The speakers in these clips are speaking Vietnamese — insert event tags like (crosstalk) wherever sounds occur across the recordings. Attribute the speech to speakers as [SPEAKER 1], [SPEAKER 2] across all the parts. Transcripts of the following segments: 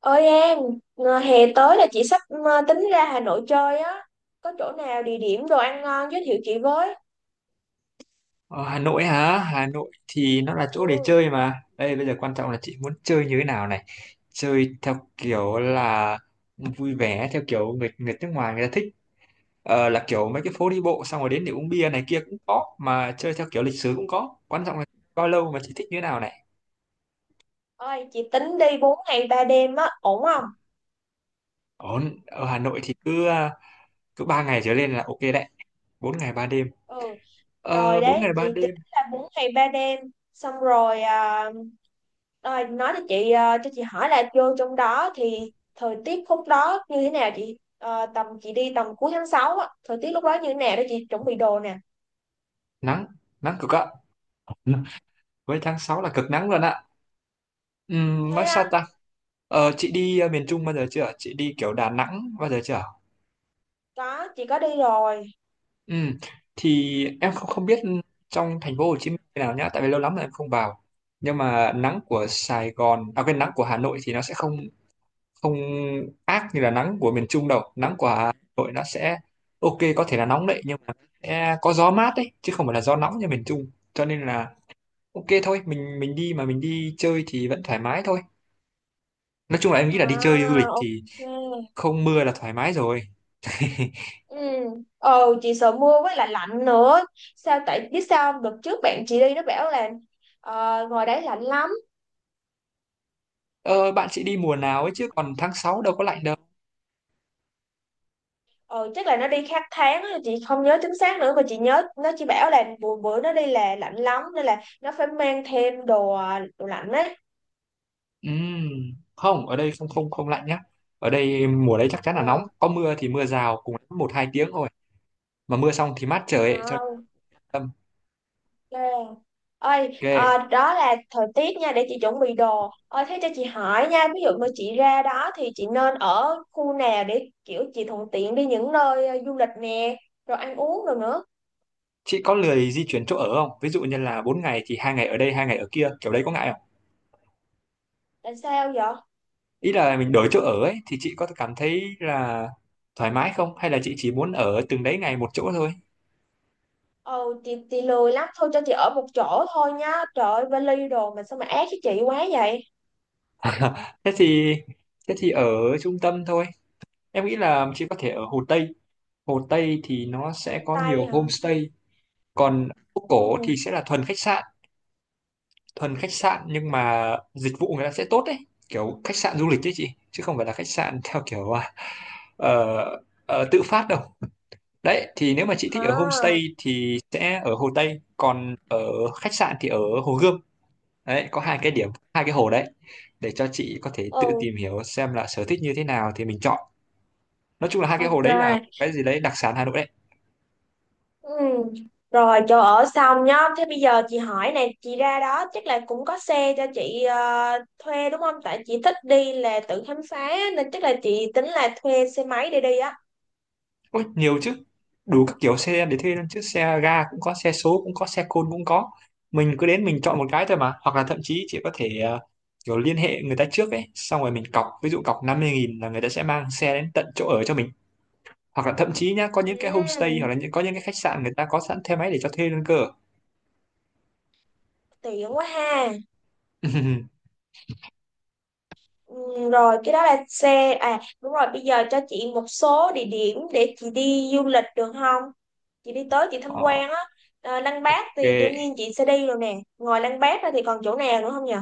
[SPEAKER 1] Ơi An, ngờ hè tới là chị sắp tính ra Hà Nội chơi á. Có chỗ nào địa điểm đồ ăn ngon giới thiệu chị với.
[SPEAKER 2] Ờ, Hà Nội hả? Hà Nội thì nó là chỗ để
[SPEAKER 1] Ừ,
[SPEAKER 2] chơi mà. Đây bây giờ quan trọng là chị muốn chơi như thế nào này. Chơi theo kiểu là vui vẻ, theo kiểu người người nước ngoài người ta thích. Là kiểu mấy cái phố đi bộ xong rồi đến để uống bia này kia cũng có. Mà chơi theo kiểu lịch sử cũng có. Quan trọng là bao lâu mà chị thích như thế nào này.
[SPEAKER 1] ôi chị tính đi 4 ngày 3 đêm á, ổn không?
[SPEAKER 2] Ổn, ở Hà Nội thì cứ 3 ngày trở lên là ok đấy. 4 ngày 3 đêm.
[SPEAKER 1] Ừ, rồi
[SPEAKER 2] 4
[SPEAKER 1] đấy,
[SPEAKER 2] ngày
[SPEAKER 1] chị
[SPEAKER 2] 3
[SPEAKER 1] tính
[SPEAKER 2] đêm.
[SPEAKER 1] là 4 ngày 3 đêm. Xong rồi, à, rồi nói cho chị, cho chị hỏi là vô trong đó thì thời tiết khúc đó như thế nào chị? Ờ, tầm chị đi tầm cuối tháng 6 á, thời tiết lúc đó như thế nào để chị chuẩn bị đồ nè.
[SPEAKER 2] Nắng, nắng cực ạ. Với tháng 6 là cực nắng luôn ạ.
[SPEAKER 1] Thế
[SPEAKER 2] Nói sao
[SPEAKER 1] á,
[SPEAKER 2] ta? Chị đi miền Trung bao giờ chưa? Chị đi kiểu Đà Nẵng bao giờ chưa?
[SPEAKER 1] có, chị có đi rồi.
[SPEAKER 2] Ừm, Thì em không không biết trong thành phố Hồ Chí Minh thế nào nhá, tại vì lâu lắm rồi em không vào. Nhưng mà nắng của Sài Gòn, à quên, nắng của Hà Nội thì nó sẽ không không ác như là nắng của miền Trung đâu. Nắng của Hà Nội nó sẽ ok, có thể là nóng đấy nhưng mà sẽ có gió mát đấy chứ không phải là gió nóng như miền Trung. Cho nên là ok thôi, mình đi mà mình đi chơi thì vẫn thoải mái thôi. Nói chung là em nghĩ là đi chơi du
[SPEAKER 1] À,
[SPEAKER 2] lịch thì
[SPEAKER 1] ok.
[SPEAKER 2] không mưa là thoải mái rồi. (laughs)
[SPEAKER 1] Ừ. Ờ chị sợ mưa với lại lạnh nữa, sao tại biết sao không? Đợt trước bạn chị đi nó bảo là ngoài đấy lạnh lắm.
[SPEAKER 2] Ờ, bạn sẽ đi mùa nào ấy chứ còn tháng 6 đâu có lạnh đâu.
[SPEAKER 1] Ờ, chắc là nó đi khác tháng á, chị không nhớ chính xác nữa mà chị nhớ nó chỉ bảo là bữa bữa nó đi là lạnh lắm nên là nó phải mang thêm đồ đồ lạnh ấy.
[SPEAKER 2] Ừm, Không, ở đây không không không lạnh nhá. Ở đây mùa đấy chắc chắn là nóng.
[SPEAKER 1] Ừ.
[SPEAKER 2] Có mưa thì mưa rào cùng lắm 1 2 tiếng thôi. Mà mưa xong thì mát trời ấy, cho
[SPEAKER 1] À.
[SPEAKER 2] nên tâm.
[SPEAKER 1] À, ơi
[SPEAKER 2] Ok.
[SPEAKER 1] à, đó là thời tiết nha để chị chuẩn bị đồ. Ơi thế cho chị hỏi nha, ví dụ mà chị ra đó thì chị nên ở khu nào để kiểu chị thuận tiện đi những nơi du lịch nè, rồi ăn uống rồi nữa.
[SPEAKER 2] Chị có lười di chuyển chỗ ở không? Ví dụ như là 4 ngày thì 2 ngày ở đây, 2 ngày ở kia, kiểu đấy có ngại không?
[SPEAKER 1] Tại sao vậy?
[SPEAKER 2] Ý là mình đổi chỗ ở ấy thì chị có cảm thấy là thoải mái không? Hay là chị chỉ muốn ở từng đấy ngày một chỗ thôi?
[SPEAKER 1] Ừ chị lười lắm, thôi cho chị ở một chỗ thôi nhá, trời ơi vali đồ mà sao mà ác với chị quá vậy.
[SPEAKER 2] (laughs) Thế thì thế thì ở trung tâm thôi. Em nghĩ là chị có thể ở Hồ Tây. Hồ Tây thì nó
[SPEAKER 1] Hồ
[SPEAKER 2] sẽ có nhiều
[SPEAKER 1] Tây hả?
[SPEAKER 2] homestay, còn phố cổ
[SPEAKER 1] Ừ.
[SPEAKER 2] thì sẽ là thuần khách sạn nhưng mà dịch vụ người ta sẽ tốt đấy, kiểu khách sạn du lịch đấy chị, chứ không phải là khách sạn (laughs) theo kiểu ờ, tự phát đâu. Đấy, thì nếu mà chị thích ở homestay
[SPEAKER 1] À.
[SPEAKER 2] thì sẽ ở Hồ Tây, còn ở khách sạn thì ở Hồ Gươm. Đấy, có hai cái điểm, hai cái hồ đấy để cho chị có thể tự
[SPEAKER 1] Ừ.
[SPEAKER 2] tìm hiểu xem là sở thích như thế nào thì mình chọn. Nói chung là hai cái hồ
[SPEAKER 1] Ok.
[SPEAKER 2] đấy là cái gì đấy đặc sản Hà Nội đấy.
[SPEAKER 1] Ừ. Rồi chỗ ở xong nhá. Thế bây giờ chị hỏi này, chị ra đó chắc là cũng có xe cho chị thuê đúng không? Tại chị thích đi là tự khám phá á, nên chắc là chị tính là thuê xe máy để đi á.
[SPEAKER 2] Ôi, nhiều chứ, đủ các kiểu xe để thuê luôn chứ, xe ga cũng có, xe số cũng có, xe côn cũng có, mình cứ đến mình chọn một cái thôi mà, hoặc là thậm chí chị có thể kiểu liên hệ người ta trước ấy, xong rồi mình cọc, ví dụ cọc 50.000 là người ta sẽ mang xe đến tận chỗ ở cho mình, hoặc là thậm chí nhá có những cái homestay
[SPEAKER 1] Ừ,
[SPEAKER 2] hoặc là có những cái khách sạn người ta có sẵn xe máy để cho thuê luôn cơ.
[SPEAKER 1] tiện quá ha.
[SPEAKER 2] (laughs)
[SPEAKER 1] Ừ, rồi cái đó là xe à, đúng rồi, bây giờ cho chị một số địa điểm để chị đi du lịch được không? Chị đi tới chị tham
[SPEAKER 2] Ờ,
[SPEAKER 1] quan á. Ờ, Lăng Bác
[SPEAKER 2] ok.
[SPEAKER 1] thì đương nhiên chị sẽ đi rồi nè. Ngoài Lăng Bác ra thì còn chỗ nào nữa không nhỉ?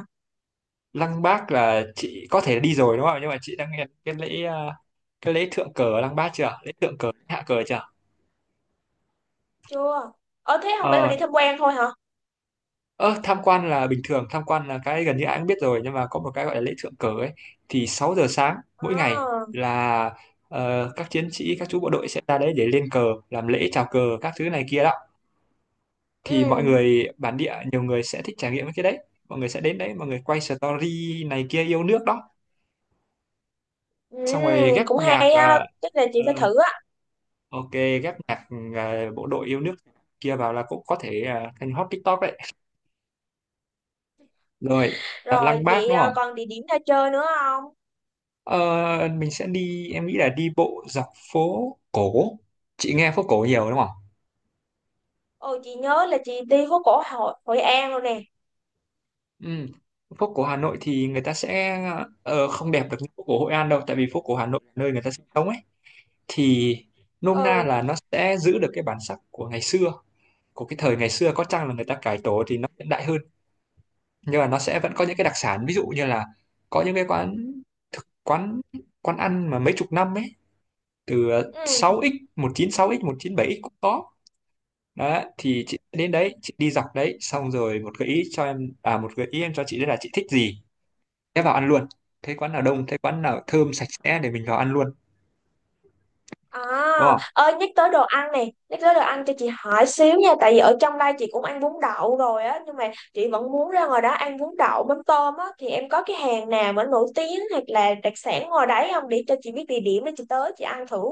[SPEAKER 2] Lăng Bác là chị có thể đi rồi đúng không, nhưng mà chị đang nghe cái lễ thượng cờ ở Lăng Bác chưa, lễ thượng cờ lễ hạ cờ chưa?
[SPEAKER 1] Chưa. Ờ thế không phải mình
[SPEAKER 2] ờ
[SPEAKER 1] đi tham quan thôi hả?
[SPEAKER 2] Ơ, tham quan là bình thường, tham quan là cái gần như ai cũng biết rồi, nhưng mà có một cái gọi là lễ thượng cờ ấy thì 6 giờ sáng mỗi ngày
[SPEAKER 1] Ờ,
[SPEAKER 2] là các chiến sĩ, các chú bộ đội sẽ ra đấy để lên cờ, làm lễ chào cờ các thứ này kia đó. Thì mọi
[SPEAKER 1] ừ,
[SPEAKER 2] người bản địa nhiều người sẽ thích trải nghiệm cái đấy. Mọi người sẽ đến đấy, mọi người quay story này kia yêu nước đó.
[SPEAKER 1] ừ,
[SPEAKER 2] Xong rồi ghép
[SPEAKER 1] cũng
[SPEAKER 2] nhạc
[SPEAKER 1] hay á, chắc là chị
[SPEAKER 2] ờ,
[SPEAKER 1] phải thử á.
[SPEAKER 2] ok, ghép nhạc bộ đội yêu nước kia vào là cũng có thể thành hot TikTok đấy. Rồi,
[SPEAKER 1] Rồi
[SPEAKER 2] Lăng Bác
[SPEAKER 1] vậy
[SPEAKER 2] đúng
[SPEAKER 1] à,
[SPEAKER 2] không?
[SPEAKER 1] còn địa điểm ra chơi nữa không?
[SPEAKER 2] Ờ, mình sẽ đi, em nghĩ là đi bộ dọc phố cổ, chị nghe phố cổ nhiều đúng không?
[SPEAKER 1] Ồ chị nhớ là chị đi phố cổ Hội An rồi nè.
[SPEAKER 2] Ừ. Phố cổ Hà Nội thì người ta sẽ không đẹp được như phố cổ Hội An đâu, tại vì phố cổ Hà Nội là nơi người ta sinh sống ấy, thì nôm na
[SPEAKER 1] Ừ,
[SPEAKER 2] là nó sẽ giữ được cái bản sắc của ngày xưa, của cái thời ngày xưa. Có chăng là người ta cải tổ thì nó hiện đại hơn, nhưng mà nó sẽ vẫn có những cái đặc sản, ví dụ như là có những cái quán, thực quán quán ăn mà mấy chục năm ấy, từ
[SPEAKER 1] ừ.
[SPEAKER 2] 6x, 196x, 197x cũng có. Đó thì chị đến đấy, chị đi dọc đấy, xong rồi một gợi ý cho em, một gợi ý em cho chị đấy là chị thích gì thế vào ăn luôn, thế quán nào đông, thế quán nào thơm sạch sẽ để mình vào ăn luôn,
[SPEAKER 1] À,
[SPEAKER 2] đúng không?
[SPEAKER 1] ơi nhắc tới đồ ăn cho chị hỏi xíu nha, tại vì ở trong đây chị cũng ăn bún đậu rồi á, nhưng mà chị vẫn muốn ra ngoài đó ăn bún đậu mắm tôm á, thì em có cái hàng nào mà nổi tiếng hoặc là đặc sản ngoài đấy không để cho chị biết địa điểm để chị tới chị ăn thử.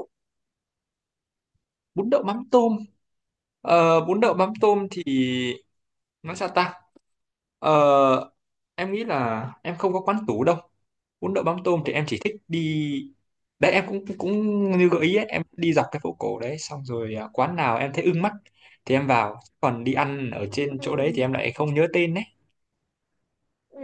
[SPEAKER 2] Bún đậu mắm tôm. Bún đậu mắm tôm thì nói sao ta, ờ, em nghĩ là em không có quán tủ đâu. Bún đậu mắm tôm thì em chỉ thích đi đấy, em cũng cũng như gợi ý ấy, em đi dọc cái phố cổ đấy, xong rồi quán nào em thấy ưng mắt thì em vào, còn đi ăn ở trên chỗ đấy
[SPEAKER 1] Ừ.
[SPEAKER 2] thì em lại không nhớ tên đấy.
[SPEAKER 1] Ừ,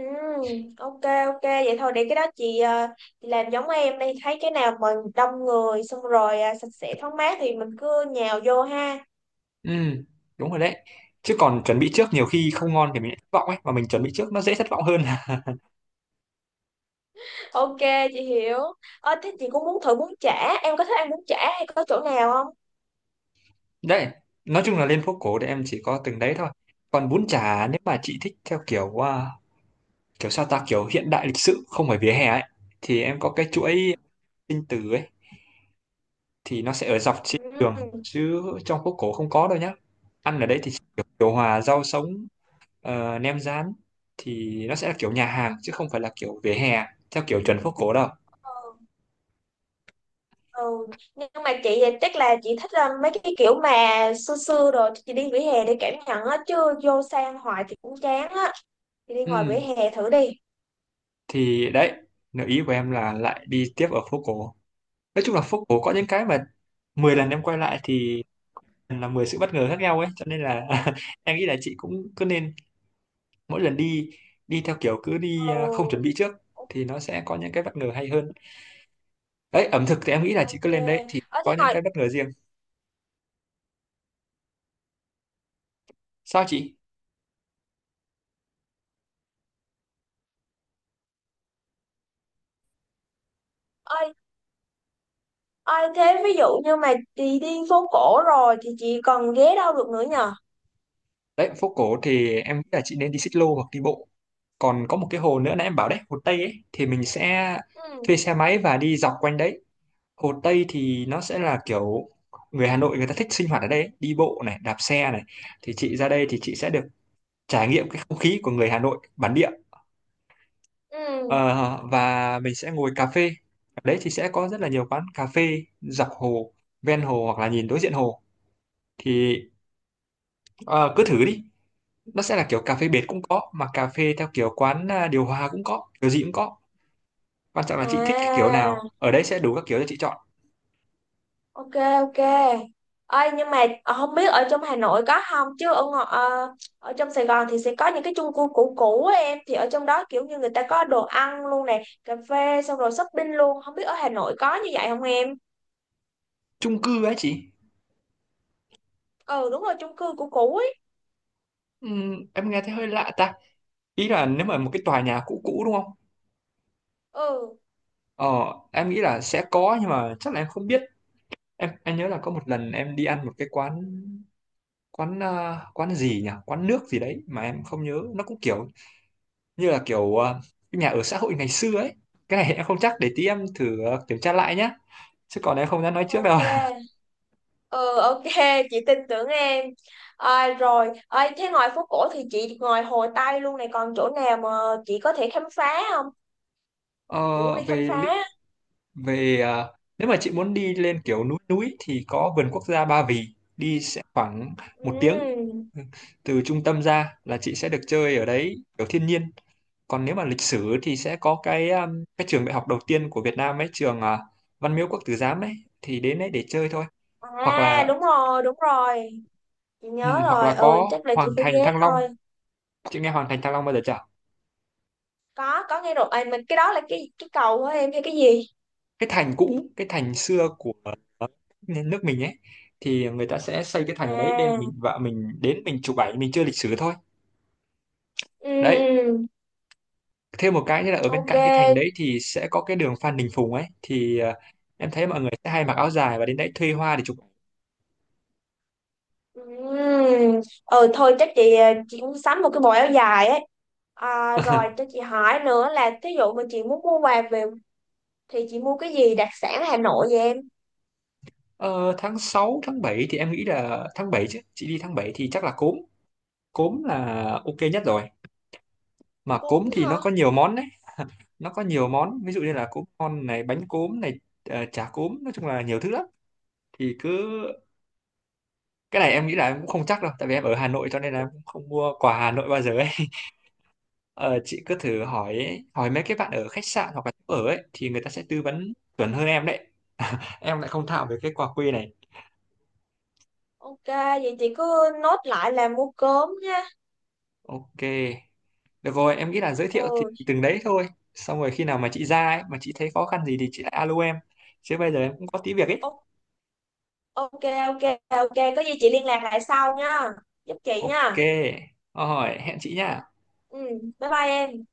[SPEAKER 1] ok ok vậy thôi để cái đó chị, chị làm giống em, đi thấy cái nào mà đông người, xong rồi à, sạch sẽ thoáng mát thì mình cứ nhào vô ha.
[SPEAKER 2] Ừ, đúng rồi đấy, chứ còn chuẩn bị trước nhiều khi không ngon thì mình lại thất vọng ấy, mà mình chuẩn bị trước nó dễ thất vọng hơn. (laughs)
[SPEAKER 1] (laughs) Ok, chị hiểu. Thế chị cũng muốn thử bún chả, em có thích ăn bún chả hay có chỗ nào không?
[SPEAKER 2] Đấy, nói chung là lên phố cổ thì em chỉ có từng đấy thôi. Còn bún chả nếu mà chị thích theo kiểu kiểu sao ta, kiểu hiện đại lịch sự không phải vỉa hè ấy, thì em có cái chuỗi sinh tử ấy, thì nó sẽ ở dọc trên đường
[SPEAKER 1] Ừ.
[SPEAKER 2] chứ trong phố cổ không có đâu nhá. Ăn ở đấy thì kiểu điều hòa, rau sống, nem rán thì nó sẽ là kiểu nhà hàng chứ không phải là kiểu vỉa hè theo kiểu chuẩn phố cổ đâu.
[SPEAKER 1] Ừ. Ừ. Nhưng mà chị thì chắc là chị thích mấy cái kiểu mà xưa xưa, rồi chị đi vỉa hè để cảm nhận á, chứ vô xe ăn hoài thì cũng chán á, chị đi ngoài
[SPEAKER 2] Ừ,
[SPEAKER 1] vỉa hè thử đi.
[SPEAKER 2] thì đấy, nếu ý của em là lại đi tiếp ở phố cổ. Nói chung là phố cổ có những cái mà 10 lần em quay lại thì là 10 sự bất ngờ khác nhau ấy, cho nên là (laughs) em nghĩ là chị cũng cứ nên mỗi lần đi, đi theo kiểu cứ đi không
[SPEAKER 1] Ừ,
[SPEAKER 2] chuẩn bị trước
[SPEAKER 1] ok
[SPEAKER 2] thì nó sẽ có những cái bất ngờ hay hơn. Đấy, ẩm thực thì em nghĩ là chị
[SPEAKER 1] ok.
[SPEAKER 2] cứ lên đấy thì
[SPEAKER 1] Ở
[SPEAKER 2] có
[SPEAKER 1] thế
[SPEAKER 2] những
[SPEAKER 1] ngoài.
[SPEAKER 2] cái bất ngờ riêng. Sao chị?
[SPEAKER 1] Ai thế, ví dụ như mà chị đi phố cổ rồi thì chị còn ghé đâu được nữa nhờ?
[SPEAKER 2] Đấy, phố cổ thì em nghĩ là chị nên đi xích lô hoặc đi bộ. Còn có một cái hồ nữa nãy em bảo đấy, hồ Tây ấy, thì mình sẽ
[SPEAKER 1] Ừ,
[SPEAKER 2] thuê xe máy và đi dọc quanh đấy. Hồ Tây thì nó sẽ là kiểu người Hà Nội người ta thích sinh hoạt ở đây ấy, đi bộ này, đạp xe này. Thì chị ra đây thì chị sẽ được trải nghiệm cái không khí của người Hà Nội bản địa.
[SPEAKER 1] ừ.
[SPEAKER 2] Ờ, và mình sẽ ngồi cà phê. Ở đấy thì sẽ có rất là nhiều quán cà phê dọc hồ, ven hồ hoặc là nhìn đối diện hồ. Thì ờ, cứ thử đi. Nó sẽ là kiểu cà phê bệt cũng có, mà cà phê theo kiểu quán điều hòa cũng có, kiểu gì cũng có. Quan trọng là chị thích cái kiểu
[SPEAKER 1] À,
[SPEAKER 2] nào. Ở đấy sẽ đủ các kiểu cho chị chọn.
[SPEAKER 1] ok, ok. Ơi nhưng mà không biết ở trong Hà Nội có không, chứ ở trong Sài Gòn thì sẽ có những cái chung cư cũ cũ á, em thì ở trong đó kiểu như người ta có đồ ăn luôn nè, cà phê xong rồi shopping luôn, không biết ở Hà Nội có như vậy không em?
[SPEAKER 2] Chung cư ấy chị.
[SPEAKER 1] Ừ đúng rồi chung cư cũ cũ ấy.
[SPEAKER 2] Em nghe thấy hơi lạ ta. Ý là nếu mà một cái tòa nhà cũ cũ đúng không?
[SPEAKER 1] Ừ,
[SPEAKER 2] Ờ, em nghĩ là sẽ có nhưng mà chắc là em không biết. Em nhớ là có một lần em đi ăn một cái quán, quán gì nhỉ, quán nước gì đấy mà em không nhớ, nó cũng kiểu như là kiểu cái nhà ở xã hội ngày xưa ấy. Cái này em không chắc, để tí em thử kiểm tra lại nhá chứ còn em không dám nói trước
[SPEAKER 1] ok.
[SPEAKER 2] đâu. (laughs)
[SPEAKER 1] Ừ, ok, chị tin tưởng em. À, rồi à, thế ngoài phố cổ thì chị, ngoài Hồ Tây luôn này, còn chỗ nào mà chị có thể khám phá không?
[SPEAKER 2] Ờ,
[SPEAKER 1] Chị muốn đi khám
[SPEAKER 2] về lịch
[SPEAKER 1] phá.
[SPEAKER 2] về à, nếu mà chị muốn đi lên kiểu núi núi thì có vườn quốc gia Ba Vì, đi sẽ khoảng 1 tiếng
[SPEAKER 1] Ừ.
[SPEAKER 2] từ trung tâm ra là chị sẽ được chơi ở đấy kiểu thiên nhiên. Còn nếu mà lịch sử thì sẽ có cái cái trường đại học đầu tiên của Việt Nam ấy, Văn Miếu Quốc Tử Giám ấy, thì đến đấy để chơi thôi. hoặc
[SPEAKER 1] À
[SPEAKER 2] là
[SPEAKER 1] đúng rồi, đúng rồi, chị nhớ
[SPEAKER 2] ừm, hoặc
[SPEAKER 1] rồi,
[SPEAKER 2] là
[SPEAKER 1] ừ
[SPEAKER 2] có
[SPEAKER 1] chắc là chị
[SPEAKER 2] Hoàng
[SPEAKER 1] phải
[SPEAKER 2] Thành
[SPEAKER 1] ghé
[SPEAKER 2] Thăng Long.
[SPEAKER 1] thôi.
[SPEAKER 2] Chị nghe Hoàng Thành Thăng Long bao giờ chưa?
[SPEAKER 1] Có nghe rồi à, mình cái đó là cái cầu của em hay cái gì?
[SPEAKER 2] Cái thành cũ, cái thành xưa của ờ, nước mình ấy, thì người ta sẽ xây cái thành ở đấy nên mình
[SPEAKER 1] À,
[SPEAKER 2] vợ mình đến mình chụp ảnh mình chưa lịch sử thôi.
[SPEAKER 1] ừ,
[SPEAKER 2] Đấy,
[SPEAKER 1] ừ,
[SPEAKER 2] thêm một cái nữa là ở bên
[SPEAKER 1] ok,
[SPEAKER 2] cạnh cái thành đấy thì sẽ có cái đường Phan Đình Phùng ấy, thì em thấy mọi người sẽ hay mặc áo dài và đến đấy thuê hoa để chụp ảnh.
[SPEAKER 1] ừ. Ừ thôi chắc chị chị cũng sắm một cái bộ áo dài á. À, rồi cho
[SPEAKER 2] (laughs)
[SPEAKER 1] chị hỏi nữa là thí dụ mà chị muốn mua quà về thì chị mua cái gì đặc sản Hà Nội vậy em?
[SPEAKER 2] Ờ, tháng 6 tháng 7 thì em nghĩ là tháng 7 chứ, chị đi tháng 7 thì chắc là cốm, cốm là ok nhất rồi, mà
[SPEAKER 1] Cốm
[SPEAKER 2] cốm thì
[SPEAKER 1] hả?
[SPEAKER 2] nó có nhiều món đấy. Nó có nhiều món, ví dụ như là cốm con này, bánh cốm này, chả cốm, nói chung là nhiều thứ lắm. Thì cứ, cái này em nghĩ là em cũng không chắc đâu, tại vì em ở Hà Nội cho nên là em cũng không mua quà Hà Nội bao giờ ấy. (laughs) Ờ, chị cứ thử hỏi hỏi mấy cái bạn ở khách sạn hoặc là chỗ ở ấy thì người ta sẽ tư vấn chuẩn hơn em đấy. Em lại không thạo về cái quà quê này.
[SPEAKER 1] Ok, vậy chị cứ nốt lại là mua cốm nha.
[SPEAKER 2] Ok, được rồi, em nghĩ là giới thiệu thì
[SPEAKER 1] Ừ,
[SPEAKER 2] từng đấy thôi, xong rồi khi nào mà chị ra ấy mà chị thấy khó khăn gì thì chị lại alo em, chứ bây giờ em cũng có tí việc ấy.
[SPEAKER 1] o- ok, ok, ok. Có gì chị liên lạc lại sau nha. Giúp chị
[SPEAKER 2] Ok,
[SPEAKER 1] nha.
[SPEAKER 2] rồi hẹn chị nha.
[SPEAKER 1] Ừ, bye bye em.